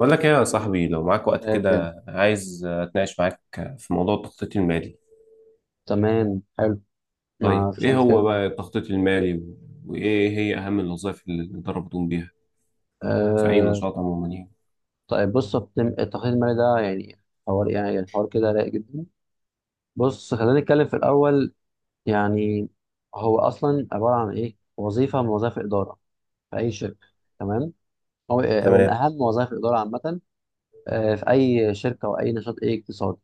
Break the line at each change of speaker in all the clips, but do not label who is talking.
بقول لك ايه يا صاحبي، لو معاك وقت
ريفن.
كده عايز اتناقش معاك في موضوع التخطيط المالي.
تمام، حلو. ما
طيب،
فيش أي
ايه
مشكلة يا
هو بقى
مولود.
التخطيط المالي وايه هي اهم الوظائف اللي الإدارة بتقوم بيها في اي
أه.
نشاط عموما يعني؟
طيب، بص، التخطيط المالي ده يعني حوار يعني حوار كده رايق جدا. بص، خلينا نتكلم في الأول. يعني هو أصلا عبارة عن إيه؟ وظيفة من وظائف الإدارة في أي شركة. تمام؟ هو من
تمام،
أهم وظائف الإدارة عامة. في أي شركة أو أي نشاط أي اقتصادي.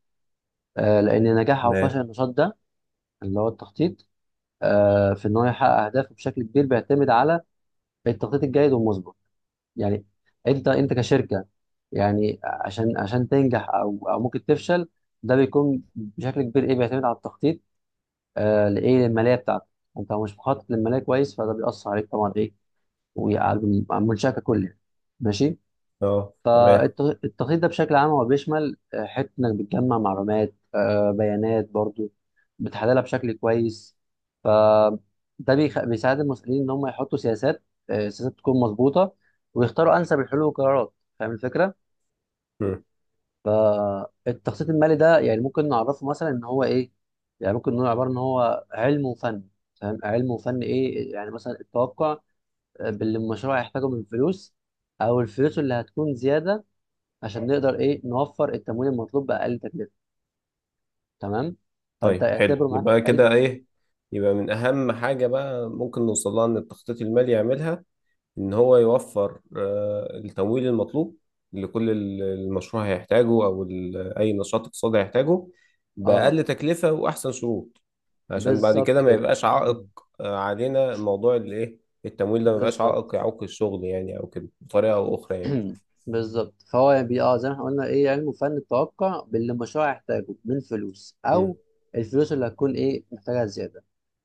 لأن نجاح أو
تمام،
فشل النشاط ده، اللي هو التخطيط، في إن هو يحقق أهدافه بشكل كبير بيعتمد على التخطيط الجيد والمسبق. يعني انت كشركه، يعني عشان تنجح او ممكن تفشل. ده بيكون بشكل كبير، ايه، بيعتمد على التخطيط، لايه، للماليه بتاعتك. انت لو مش مخطط للماليه كويس، فده بيأثر عليك طبعا، ايه، وعلى المنشاه ككل يعني. ماشي.
اه، تمام.
التخطيط ده بشكل عام هو بيشمل، حتة إنك بتجمع معلومات، بيانات برضو، بتحللها بشكل كويس. ف ده بيساعد المسؤولين إن هم يحطوا سياسات، سياسات تكون مظبوطة، ويختاروا أنسب الحلول والقرارات. فاهم الفكرة؟
مم.
فالتخطيط المالي ده، يعني، ممكن نعرفه مثلا إن هو إيه؟ يعني ممكن نقول عبارة إن هو علم وفن. فاهم؟ علم وفن، إيه؟ يعني مثلا التوقع، باللي المشروع هيحتاجه من فلوس، أو الفلوس اللي هتكون زيادة، عشان نقدر، ايه، نوفر التمويل المطلوب باقل تكلفه. تمام. فانت
طيب حلو،
اعتبره معاك
يبقى
علم
كده
وفن.
ايه، يبقى من اهم حاجه بقى ممكن نوصلها ان التخطيط المالي يعملها إن هو يوفر التمويل المطلوب لكل المشروع هيحتاجه أو أي نشاط اقتصادي هيحتاجه
اه،
بأقل تكلفة وأحسن شروط، عشان بعد
بالظبط
كده ما
كده.
يبقاش عائق علينا موضوع الإيه، التمويل ده ما يبقاش
بالظبط.
عائق يعوق الشغل يعني أو كده بطريقة أو أخرى يعني.
بالظبط. فهو يعني بي اه زي ما احنا قلنا، ايه، علم وفن التوقع باللي المشروع يحتاجه من فلوس،
مم.
او الفلوس اللي هتكون، ايه، محتاجها زياده.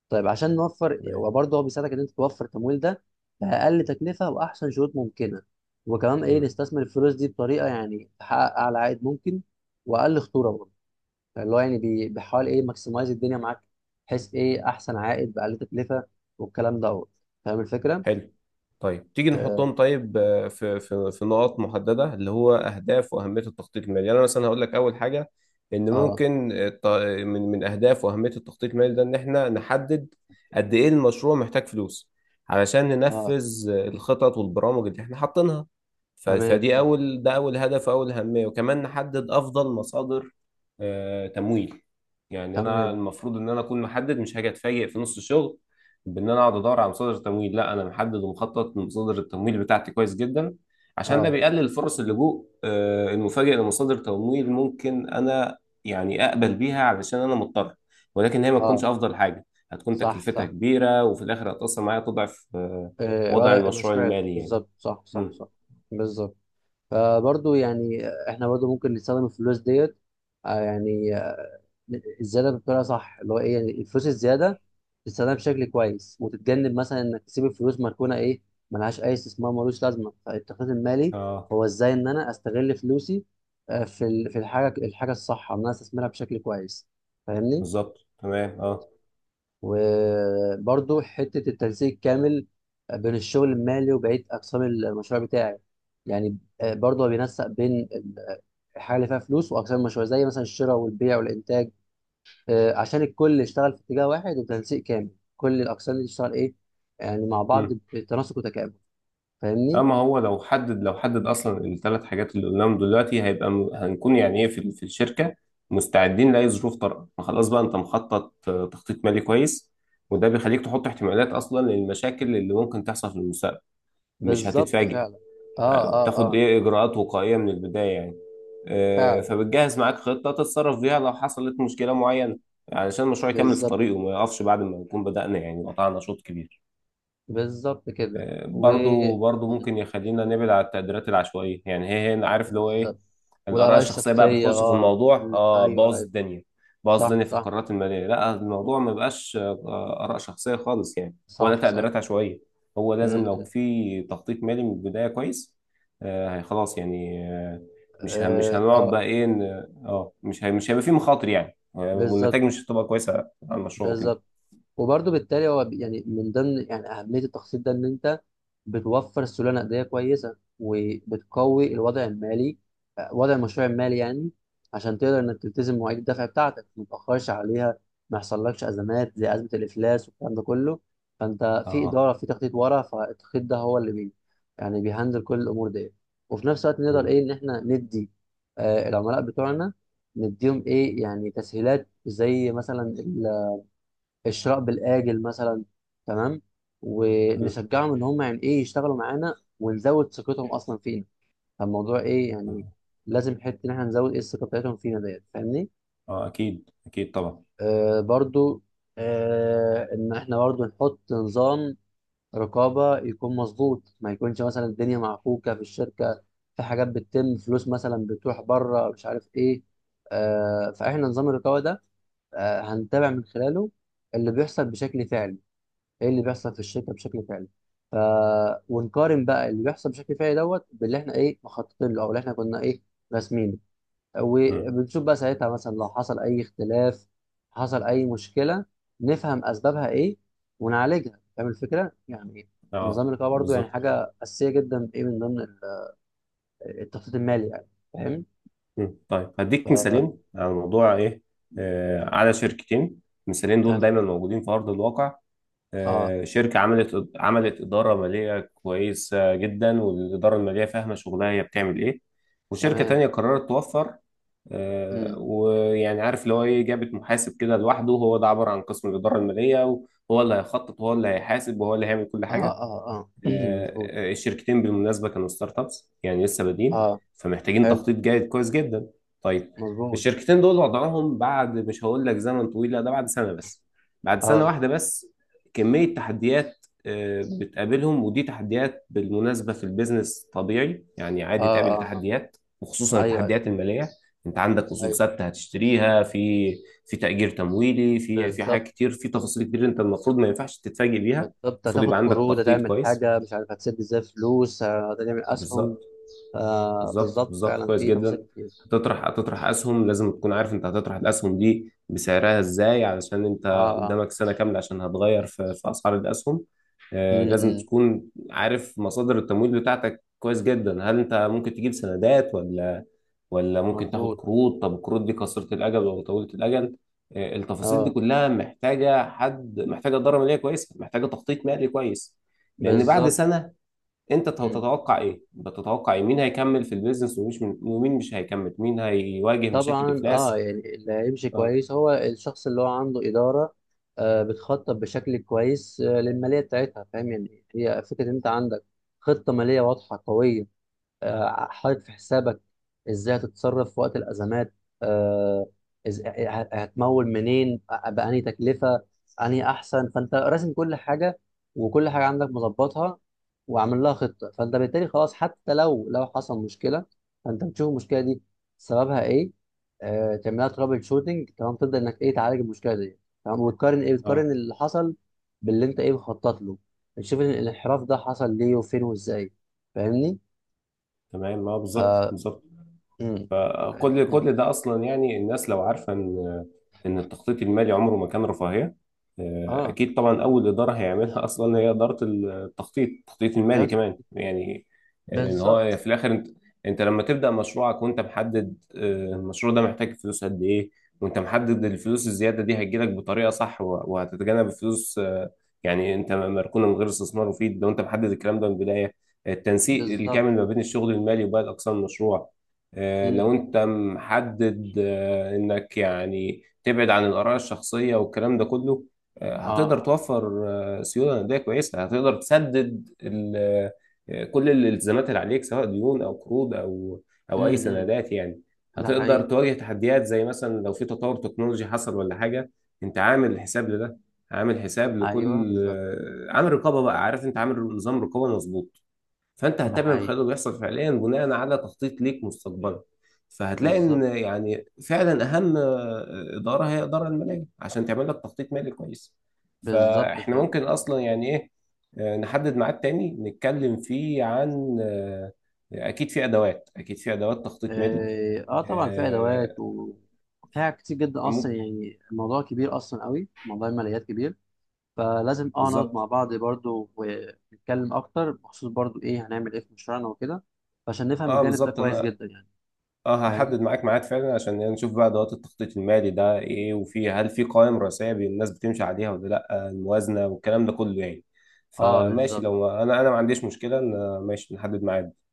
طيب عشان نوفر،
تمام.
وبرضه هو بيساعدك ان انت توفر التمويل ده باقل تكلفه واحسن شروط ممكنه. وكمان، ايه،
مم.
نستثمر الفلوس دي بطريقه يعني تحقق اعلى عائد ممكن، واقل خطوره برضه. اللي هو يعني بيحاول، ايه، ماكسمايز الدنيا معاك، بحيث ايه احسن عائد باقل تكلفه والكلام دوت. فاهم الفكره؟
حلو. طيب تيجي
اه،
نحطهم طيب، في نقاط محدده اللي هو اهداف واهميه التخطيط المالي يعني. انا مثلا هقول لك اول حاجه ان
اه،
ممكن، من اهداف واهميه التخطيط المالي ده ان احنا نحدد قد ايه المشروع محتاج فلوس، علشان
آه.
ننفذ الخطط والبرامج اللي احنا حاطينها.
تمام،
فدي
آه.
اول، ده اول هدف واول اهميه، وكمان نحدد افضل مصادر تمويل. يعني انا
تمام،
المفروض ان انا اكون محدد، مش هاجي اتفاجئ في نص الشغل بان انا اقعد ادور على مصادر تمويل، لا انا محدد ومخطط لمصادر التمويل بتاعتي كويس جدا، عشان ده
اه،
بيقلل فرص اللجوء المفاجئ لمصادر تمويل ممكن انا يعني اقبل بيها علشان انا مضطر، ولكن هي ما تكونش
اه،
افضل حاجه، هتكون
صح،
تكلفتها
صح،
كبيره وفي الاخر هتاثر معايا، تضعف
آه.
وضع
ولا
المشروع
المشروع
المالي يعني.
بالظبط، صح، صح،
مم.
صح. بالظبط. فبرضه يعني احنا برضه ممكن نستخدم الفلوس ديت، يعني الزياده بطريقه صح، اللي هو، ايه، يعني الفلوس الزياده تستخدمها بشكل كويس، وتتجنب مثلا انك تسيب الفلوس مركونه، ايه، ملهاش اي استثمار، ملوش لازمه. فالتخطيط المالي
اه،
هو ازاي ان انا استغل فلوسي، في الحاجه الصح ان انا استثمرها بشكل كويس. فاهمني؟
بالظبط، تمام، اه.
وبرضو حته التنسيق الكامل بين الشغل المالي وبقيه اقسام المشروع بتاعي. يعني برضو هو بينسق بين الحاجه اللي فيها فلوس واقسام المشروع زي مثلا الشراء والبيع والانتاج، عشان الكل يشتغل في اتجاه واحد وتنسيق كامل. كل الاقسام دي تشتغل، ايه، يعني مع بعض بتناسق وتكامل. فاهمني؟
اما هو لو حدد، اصلا الثلاث حاجات اللي قلناهم دلوقتي، هيبقى هنكون يعني ايه، في الشركه مستعدين لاي ظروف طارئه، ما خلاص بقى انت مخطط تخطيط مالي كويس، وده بيخليك تحط احتمالات اصلا للمشاكل اللي ممكن تحصل في المستقبل، مش
بالظبط
هتتفاجئ.
فعلا. اه، اه،
تاخد
اه.
ايه اجراءات وقائيه من البدايه يعني،
فعلا،
فبتجهز معاك خطه تتصرف بيها لو حصلت مشكله معينه، علشان المشروع يكمل في
بالظبط،
طريقه وما يقفش بعد ما نكون بدأنا يعني قطعنا شوط كبير.
بالظبط كده. و
برضو
م،
ممكن يخلينا نبعد على التقديرات العشوائية، يعني هي هي عارف اللي هو ايه،
بالظبط.
الآراء
والاراء
الشخصية بقى
الشخصيه،
بتخش في
اه
الموضوع،
م،
اه
ايوه،
باظ
ايوه.
الدنيا، باظ
صح،
الدنيا في
صح.
القرارات المالية، لا الموضوع ما بقاش آراء شخصية خالص يعني ولا
صح، صح،
تقديرات
صح.
عشوائية. هو
م،
لازم لو
م.
في تخطيط مالي من البداية كويس، خلاص يعني. مش
اه،
هنقعد
آه.
بقى ايه، مش هيبقى في مخاطر يعني،
بالظبط،
والنتائج مش هتبقى كويسة على المشروع وكده.
بالظبط. وبرضه بالتالي هو يعني من ضمن يعني اهميه التخصيص ده ان انت بتوفر سيوله نقديه كويسه وبتقوي الوضع المالي، وضع المشروع المالي يعني. عشان تقدر انك تلتزم مواعيد الدفع بتاعتك ما تتاخرش عليها، ما يحصلكش ازمات زي ازمه الافلاس والكلام ده كله. فانت في
اه.
اداره، في تخطيط ورا. فالتخطيط ده هو اللي يعني بيهندل كل الامور دي. وفي نفس الوقت نقدر،
مم.
ايه، ان احنا ندي العملاء بتوعنا، نديهم، ايه، يعني تسهيلات زي مثلا الشراء بالآجل مثلا. تمام.
مم.
ونشجعهم ان هم يعني، ايه، يشتغلوا معانا ونزود ثقتهم اصلا فينا. فالموضوع، ايه، يعني،
اه،
لازم حته ان احنا نزود، ايه، الثقه بتاعتهم فينا ديت. فاهمني؟
آه، اكيد اكيد طبعا.
برضو. ان احنا برضو نحط نظام رقابه يكون مظبوط، ما يكونش مثلا الدنيا معكوكه في الشركه، في حاجات بتتم، فلوس مثلا بتروح بره مش عارف ايه. فاحنا نظام الرقابه ده، هنتابع من خلاله اللي بيحصل بشكل فعلي، ايه اللي بيحصل في الشركه بشكل فعلي. ف ونقارن بقى اللي بيحصل بشكل فعلي دوت باللي احنا، ايه، مخططين له، او اللي احنا كنا، ايه، راسمينه.
مم.
وبنشوف بقى ساعتها مثلا لو حصل اي اختلاف، حصل اي مشكله، نفهم اسبابها ايه ونعالجها. فاهم الفكره يعني؟
اه،
نظام الرقابه برضو يعني
بالظبط.
حاجه اساسيه جدا، ايه، من ضمن التخطيط المالي يعني. فاهم؟
مم. طيب هديك مثالين على موضوع ايه، على شركتين، المثالين دول
فتمام.
دايما موجودين في ارض الواقع.
اه،
شركه عملت اداره ماليه كويسه جدا، والاداره الماليه فاهمه شغلها هي بتعمل ايه. وشركه
تمام.
تانية قررت توفر،
امم
ويعني عارف اللي هو ايه، جابت محاسب كده لوحده، هو ده عباره عن قسم الاداره الماليه، وهو اللي هيخطط وهو اللي هيحاسب وهو اللي هيعمل كل
اه،
حاجه.
اه، اه. مظبوط.
الشركتين بالمناسبة كانوا ستارت ابس يعني لسه بادئين،
اه،
فمحتاجين
حلو.
تخطيط جيد كويس جدا. طيب
مظبوط.
الشركتين دول وضعهم بعد، مش هقول لك زمن طويل، لا ده بعد سنة بس، بعد سنة
اه،
واحدة بس كمية تحديات بتقابلهم، ودي تحديات بالمناسبة في البيزنس طبيعي يعني،
اه،
عادي تقابل
اه، آه.
تحديات وخصوصا
ايوه، أيوه.
التحديات المالية. انت عندك اصول
ايوه،
ثابتة هتشتريها في في تأجير تمويلي، في
بالظبط،
حاجات كتير، في تفاصيل كتير، انت المفروض ما ينفعش تتفاجئ بيها،
بالظبط.
المفروض يبقى
هتاخد
عندك
قروض،
تخطيط
هتعمل
كويس.
حاجه مش عارف هتسد ازاي فلوس، هتعمل اسهم.
بالظبط، بالظبط،
بالظبط
بالظبط،
فعلا،
كويس
في تفاصيل
جدا.
كتير.
هتطرح اسهم، لازم تكون عارف انت هتطرح الاسهم دي بسعرها ازاي، علشان انت
اه، اه.
قدامك سنه كامله عشان هتغير في اسعار الاسهم. لازم
امم
تكون عارف مصادر التمويل بتاعتك كويس جدا، هل انت ممكن تجيب سندات ولا ممكن تاخد
مظبوط.
قروض؟ طب القروض دي قصيره الاجل ولا طويله الاجل؟ التفاصيل دي
اه،
كلها محتاجه حد، محتاجه اداره ماليه كويسه، محتاجه تخطيط مالي كويس. لان بعد
بالظبط.
سنه انت
مم.
تتوقع ايه بتتوقع ايه، مين هيكمل في البيزنس ومين مش هيكمل، مين هيواجه مشاكل
طبعا،
افلاس؟
يعني اللي هيمشي
اه،
كويس هو الشخص اللي هو عنده اداره، بتخطط بشكل كويس للماليه بتاعتها. فاهم يعني؟ هي فكره ان انت عندك خطه ماليه واضحه قويه، حاطط في حسابك ازاي هتتصرف في وقت الازمات، آه، هتمول منين، بأنهي تكلفه، انهي احسن. فانت راسم كل حاجه، وكل حاجه عندك مظبطها، وعامل لها خطه. فانت بالتالي خلاص، حتى لو حصل مشكله، فانت بتشوف المشكله دي سببها، ايه، تعملها ترابل شوتنج، تمام، تبدا انك، ايه، تعالج المشكله دي. تمام. وتقارن، ايه، بتقارن
اه،
اللي حصل باللي انت، ايه، مخطط له. بتشوف الانحراف ده حصل ليه وفين وازاي. فاهمني؟
تمام، اه، بالظبط، بالظبط.
امم،
فكل
امم.
كل ده اصلا يعني الناس لو عارفه ان التخطيط المالي عمره ما كان رفاهيه.
اه.
اكيد طبعا، اول اداره هيعملها اصلا هي اداره التخطيط التخطيط المالي
دلوقتي
كمان
تخطيط حلو.
يعني. يعني ان هو
بالظبط،
في الاخر انت، لما تبدا مشروعك وانت محدد المشروع ده محتاج فلوس قد ايه، وانت محدد الفلوس الزياده دي هتجيلك بطريقه صح، وهتتجنب الفلوس يعني انت مركونه من غير استثمار مفيد، لو انت محدد الكلام ده من البدايه، التنسيق
بالظبط،
الكامل ما بين
بالظبط.
الشغل المالي وباقي اقسام المشروع،
امم،
لو انت محدد انك يعني تبعد عن الاراء الشخصيه والكلام ده كله، هتقدر
اه.
توفر سيوله نقديه كويسه، هتقدر تسدد كل الالتزامات اللي عليك سواء ديون او قروض او
امم،
اي سندات يعني.
ده
هتقدر
حقيقي.
تواجه تحديات زي مثلا لو في تطور تكنولوجي حصل ولا حاجه، انت عامل حساب لده، عامل حساب
ايوه،
لكل،
بالظبط.
عامل رقابه بقى، عارف انت عامل نظام رقابه مظبوط. فانت
ده
هتتابع الخير
حقيقي.
اللي بيحصل فعليا بناء على تخطيط ليك مستقبلا، فهتلاقي ان
بالظبط.
يعني فعلا اهم اداره هي الاداره الماليه، عشان تعمل لك تخطيط مالي كويس.
بالظبط
فاحنا
فعلا.
ممكن اصلا يعني ايه، نحدد ميعاد تاني نتكلم فيه عن، اكيد في ادوات تخطيط مالي،
طبعا في ادوات
آه،
وفيها كتير جدا. اصلا
ممكن.
يعني الموضوع كبير، اصلا قوي، موضوع الماليات كبير. فلازم نقعد
بالظبط،
مع بعض برضو ونتكلم اكتر بخصوص برضو، ايه، هنعمل ايه في مشروعنا وكده. عشان نفهم
اه،
الجانب ده
بالظبط،
كويس
انا
جدا يعني.
اه
فاهم؟
هحدد معاك ميعاد فعلا عشان نشوف بقى ادوات التخطيط المالي ده ايه، هل في قوائم رئيسيه الناس بتمشي عليها ولا لا، الموازنه والكلام ده كله يعني.
اه،
فماشي،
بالظبط.
لو انا ما عنديش مشكله ان ماشي نحدد ميعاد.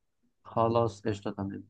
خلاص، قشطه، تمام.